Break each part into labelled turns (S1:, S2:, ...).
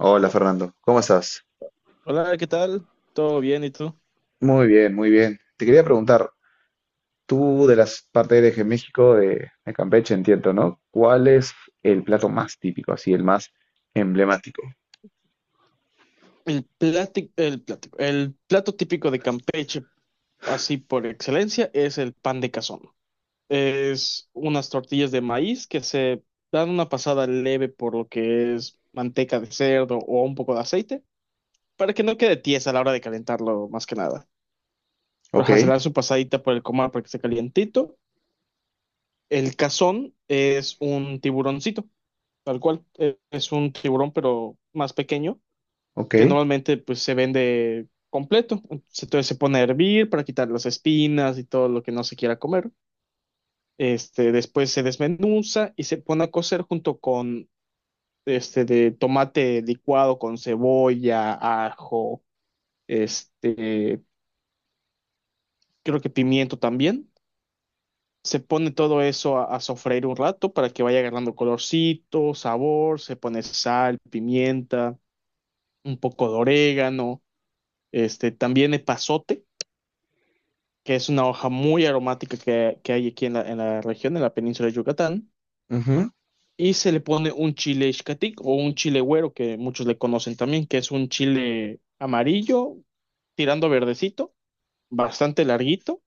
S1: Hola Fernando, ¿cómo estás?
S2: Hola, ¿qué tal? ¿Todo bien? ¿Y tú?
S1: Muy bien, muy bien. Te quería preguntar, tú de las partes eres de México, de Campeche, entiendo, ¿no? ¿Cuál es el plato más típico, así, el más emblemático?
S2: El plato típico de Campeche, así por excelencia, es el pan de cazón. Es unas tortillas de maíz que se dan una pasada leve por lo que es manteca de cerdo o un poco de aceite, para que no quede tiesa a la hora de calentarlo, más que nada.
S1: Ok,
S2: Ajá, se le da su pasadita por el comal para que esté calientito. El cazón es un tiburoncito, tal cual. Es un tiburón, pero más pequeño
S1: ok.
S2: que normalmente pues se vende completo. Entonces se pone a hervir para quitar las espinas y todo lo que no se quiera comer. Este, después se desmenuza y se pone a cocer junto con este de tomate licuado con cebolla, ajo, este, creo que pimiento también. Se pone todo eso a sofreír un rato para que vaya agarrando colorcito, sabor, se pone sal, pimienta, un poco de orégano, este, también epazote que es una hoja muy aromática que hay aquí en la región, en la península de Yucatán,
S1: Ujú,
S2: y se le pone un chile ixcatec o un chile güero, que muchos le conocen también, que es un chile amarillo, tirando a verdecito, bastante larguito.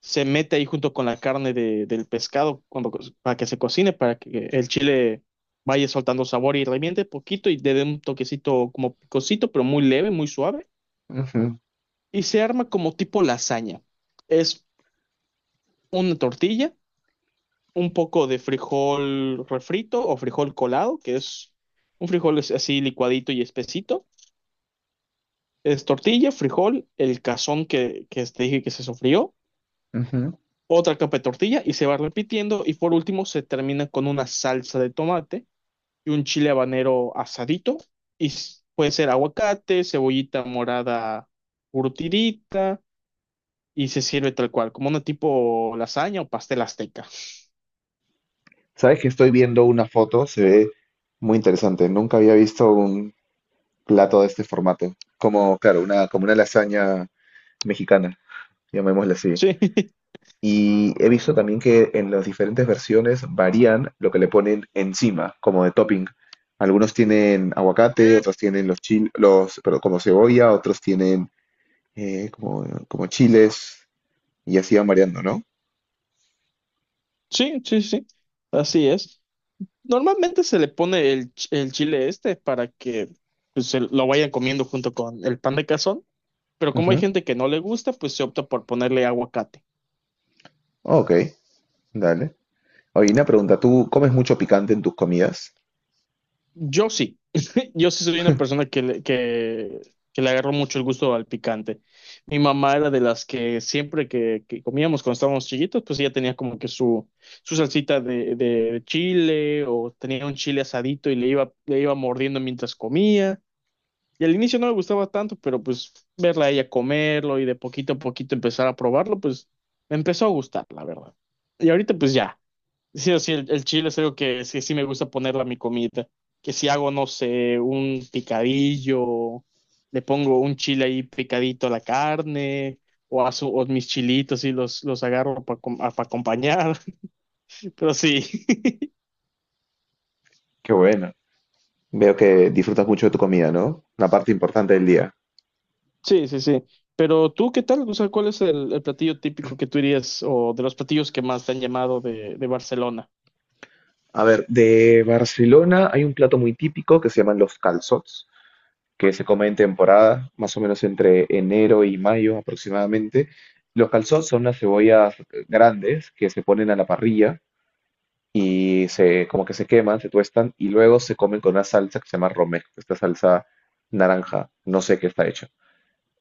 S2: Se mete ahí junto con la carne de- del pescado cuando, co- para que se cocine, para que el chile vaya soltando sabor y reviente poquito y le dé un toquecito como picosito, pero muy leve, muy suave.
S1: ujú,
S2: Y se arma como tipo lasaña. Es una tortilla, un poco de frijol refrito o frijol colado, que es un frijol es- así licuadito y espesito. Es tortilla, frijol, el cazón que te dije que se sofrió,
S1: ujú.
S2: otra capa de tortilla y se va repitiendo. Y por último se termina con una salsa de tomate y un chile habanero asadito. Y s- puede ser aguacate, cebollita morada curtidita y se sirve tal cual, como una tipo lasaña o pastel azteca.
S1: Sabes que estoy viendo una foto, se ve muy interesante. Nunca había visto un plato de este formato. Como, claro, como una lasaña mexicana, llamémosla así.
S2: Sí,
S1: Y he visto también que en las diferentes versiones varían lo que le ponen encima, como de topping. Algunos tienen aguacate, otros tienen pero como cebolla, otros tienen como chiles, y así van variando, ¿no?
S2: sí, sí, sí. Así es. Normalmente se le pone el, ch- el chile este para que pues, se lo vayan comiendo junto con el pan de cazón, pero como hay
S1: Ujú.
S2: gente que no le gusta, pues se opta por ponerle aguacate.
S1: Ok, dale. Oye, una pregunta, ¿tú comes mucho picante en tus comidas?
S2: Yo sí, yo sí soy una persona que le agarró mucho el gusto al picante. Mi mamá era de las que siempre que comíamos cuando estábamos chiquitos, pues ella tenía como que su salsita de chile o tenía un chile asadito y le iba mordiendo mientras comía. Y al inicio no me gustaba tanto, pero pues verla a ella comerlo y de poquito a poquito empezar a probarlo, pues me empezó a gustar, la verdad. Y ahorita pues ya, sí o sí, el chile es algo que sí, sí me gusta ponerle a mi comida, que si hago, no sé, un picadillo, le pongo un chile ahí picadito a la carne, o, a su- o mis chilitos y los agarro para acompañar, pero sí.
S1: Qué bueno. Veo que disfrutas mucho de tu comida, ¿no? La parte importante del día.
S2: Sí, sí, sí. Pero tú, ¿qué tal? O sea, ¿cuál es el platillo típico que tú dirías o de los platillos que más te han llamado de Barcelona?
S1: A ver, de Barcelona hay un plato muy típico que se llaman los calçots, que se come en temporada, más o menos entre enero y mayo aproximadamente. Los calzots son unas cebollas grandes que se ponen a la parrilla y se, como que se queman, se tuestan y luego se comen con una salsa que se llama romesco, esta salsa naranja, no sé qué está hecha.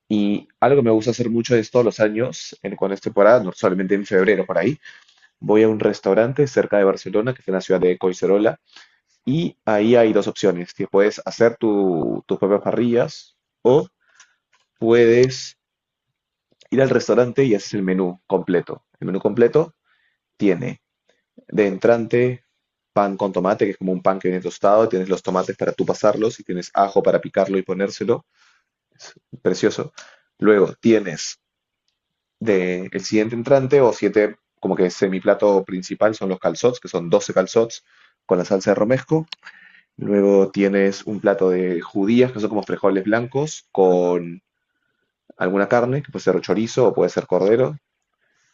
S1: Y algo que me gusta hacer mucho es todos los años, en, cuando es temporada, no solamente en febrero por ahí, voy a un restaurante cerca de Barcelona, que está en la ciudad de Coicerola, y ahí hay dos opciones: que puedes hacer tus propias parrillas o puedes ir al restaurante y haces el menú completo. El menú completo tiene de entrante pan con tomate, que es como un pan que viene tostado, tienes los tomates para tú pasarlos y tienes ajo para picarlo y ponérselo. Es precioso. Luego tienes de el siguiente entrante o siete, como que semiplato principal son los calzots, que son 12 calzots con la salsa de romesco. Luego tienes un plato de judías, que son como frijoles blancos, con alguna carne, que puede ser chorizo o puede ser cordero.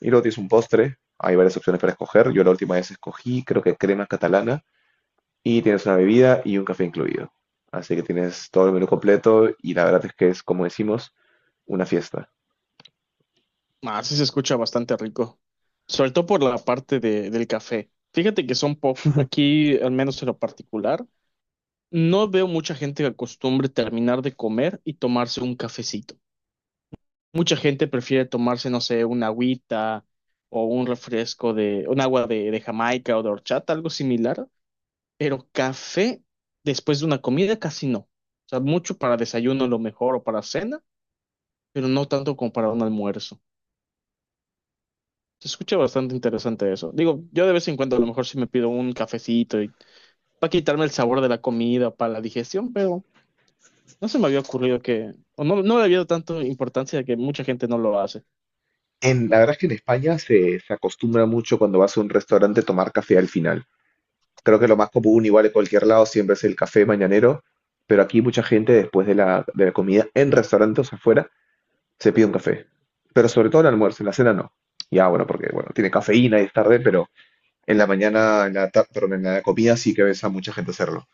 S1: Y luego tienes un postre, hay varias opciones para escoger. Yo la última vez escogí, creo que crema catalana, y tienes una bebida y un café incluido. Así que tienes todo el menú completo y la verdad es que es, como decimos, una fiesta.
S2: Ah, sí se escucha bastante rico. Sobre todo por la parte de, del café. Fíjate que son po aquí, al menos en lo particular, no veo mucha gente que acostumbre terminar de comer y tomarse un cafecito. Mucha gente prefiere tomarse, no sé, una agüita o un refresco de, un agua de Jamaica o de horchata, algo similar. Pero café después de una comida casi no. O sea, mucho para desayuno a lo mejor o para cena, pero no tanto como para un almuerzo. Se escucha bastante interesante eso. Digo, yo de vez en cuando a lo mejor sí me pido un cafecito y para quitarme el sabor de la comida, para la digestión, pero no se me había ocurrido que, o no, no le había dado tanto importancia que mucha gente no lo hace.
S1: La verdad es que en España se acostumbra mucho cuando vas a un restaurante tomar café al final. Creo que lo más común, igual en cualquier lado, siempre es el café mañanero, pero aquí mucha gente después de la comida en restaurantes afuera se pide un café. Pero sobre todo en el almuerzo, en la cena no. Ya, bueno, porque bueno, tiene cafeína y es tarde, pero en la mañana, en la tarde, perdón, en la comida sí que ves a mucha gente hacerlo.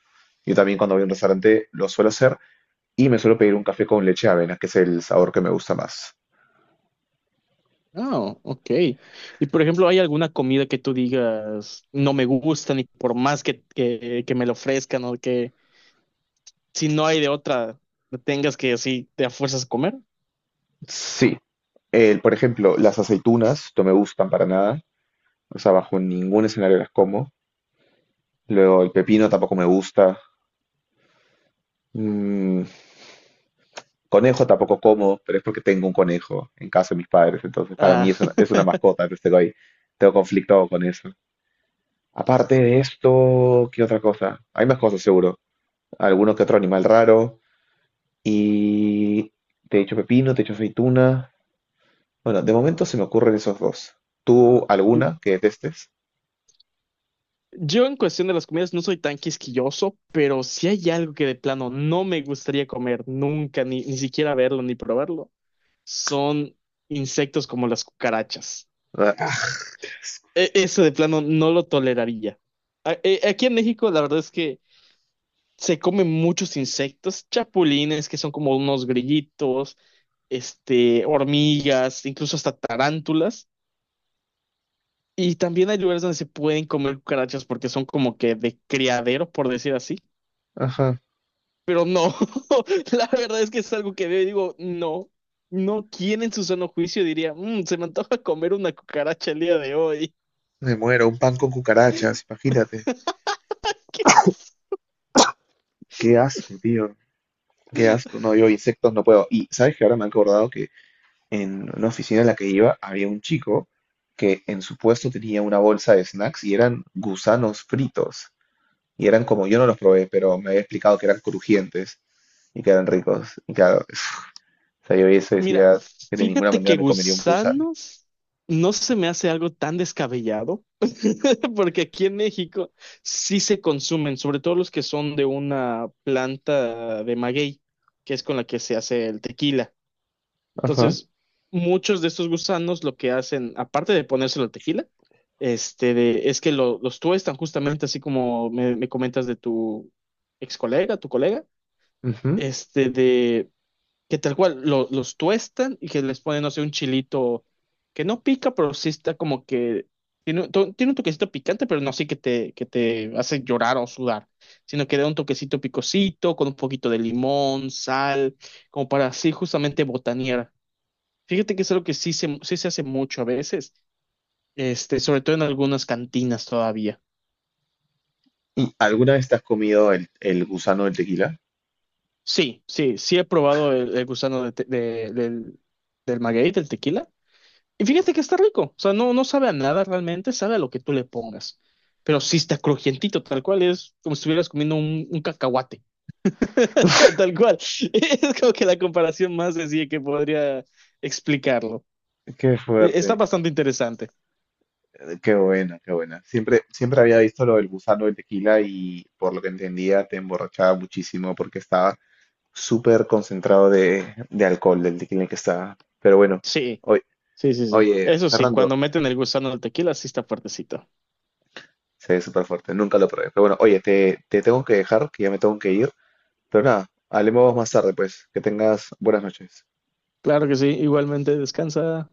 S1: Yo también cuando voy a un restaurante lo suelo hacer y me suelo pedir un café con leche de avena, que es el sabor que me gusta más.
S2: Ah, ok. Y por ejemplo, ¿hay alguna comida que tú digas no me gusta ni por más que, que me lo ofrezcan o que si no hay de otra, tengas que así te a fuerzas comer?
S1: Sí. El, por ejemplo, las aceitunas no me gustan para nada. O sea, bajo ningún escenario las como. Luego el pepino tampoco me gusta. Mm, conejo tampoco como, pero es porque tengo un conejo en casa de mis padres. Entonces, para mí
S2: Ah,
S1: es una mascota, entonces tengo ahí, tengo conflicto con eso. Aparte de esto, ¿qué otra cosa? Hay más cosas seguro. Algunos que otro animal raro y te he dicho pepino, te he dicho aceituna. Bueno, de momento se me ocurren esos dos. ¿Tú alguna que detestes?
S2: yo en cuestión de las comidas no soy tan quisquilloso, pero si hay algo que de plano no me gustaría comer nunca, ni, ni siquiera verlo ni probarlo, son insectos como las cucarachas.
S1: Ah, ah,
S2: E- eso de plano no lo toleraría. A- e- aquí en México la verdad es que se comen muchos insectos, chapulines que son como unos grillitos, este, hormigas, incluso hasta tarántulas. Y también hay lugares donde se pueden comer cucarachas porque son como que de criadero, por decir así.
S1: ajá,
S2: Pero no, la verdad es que es algo que veo y digo, no, no, ¿quién en su sano juicio diría, "Mm, se me antoja comer una cucaracha el día de hoy"?
S1: me muero, un pan con cucarachas, imagínate.
S2: ¡Qué asco!
S1: Qué asco, tío. Qué asco. No, yo insectos no puedo. Y sabes que ahora me he acordado que en una oficina en la que iba había un chico que en su puesto tenía una bolsa de snacks y eran gusanos fritos. Y eran como, yo no los probé, pero me había explicado que eran crujientes y que eran ricos. Y claro, o sea, yo vi eso y
S2: Mira,
S1: decía que de ninguna
S2: fíjate
S1: manera
S2: que
S1: me comería un gusano.
S2: gusanos no se me hace algo tan descabellado, porque aquí en México sí se consumen, sobre todo los que son de una planta de maguey, que es con la que se hace el tequila.
S1: Ajá.
S2: Entonces, muchos de estos gusanos lo que hacen, aparte de ponérselo al tequila, este, de- es que lo- los tuestan justamente así como me comentas de tu ex colega, tu colega,
S1: Ujú.
S2: este, de que tal cual lo- los tuestan y que les ponen, no sé, un chilito que no pica, pero sí está como que tiene, un to- tiene un toquecito picante, pero no así que te hace llorar o sudar, sino que da un toquecito picosito con un poquito de limón, sal, como para así justamente botanear. Fíjate que es algo que sí se hace mucho a veces, este, sobre todo en algunas cantinas todavía.
S1: ¿Y alguna vez te has comido el gusano del tequila?
S2: Sí, sí, sí he probado el gusano de te- de- del, del maguey, del tequila. Y fíjate que está rico, o sea, no, no sabe a nada realmente, sabe a lo que tú le pongas. Pero sí está crujientito, tal cual es como si estuvieras comiendo un cacahuate, tal cual. Es como que la comparación más sencilla que podría explicarlo.
S1: Qué
S2: E- está
S1: fuerte,
S2: bastante interesante.
S1: qué buena, qué buena. Siempre, siempre había visto lo del gusano del tequila y por lo que entendía te emborrachaba muchísimo porque estaba súper concentrado de alcohol del tequila en que estaba. Pero bueno,
S2: Sí,
S1: oye,
S2: sí, sí, sí.
S1: oye,
S2: Eso sí,
S1: Fernando,
S2: cuando meten el gusano del tequila, sí está fuertecito.
S1: se ve súper fuerte, nunca lo probé. Pero bueno, oye, te tengo que dejar, que ya me tengo que ir. Pero nada, hablemos más tarde, pues. Que tengas buenas noches.
S2: Claro que sí, igualmente descansa.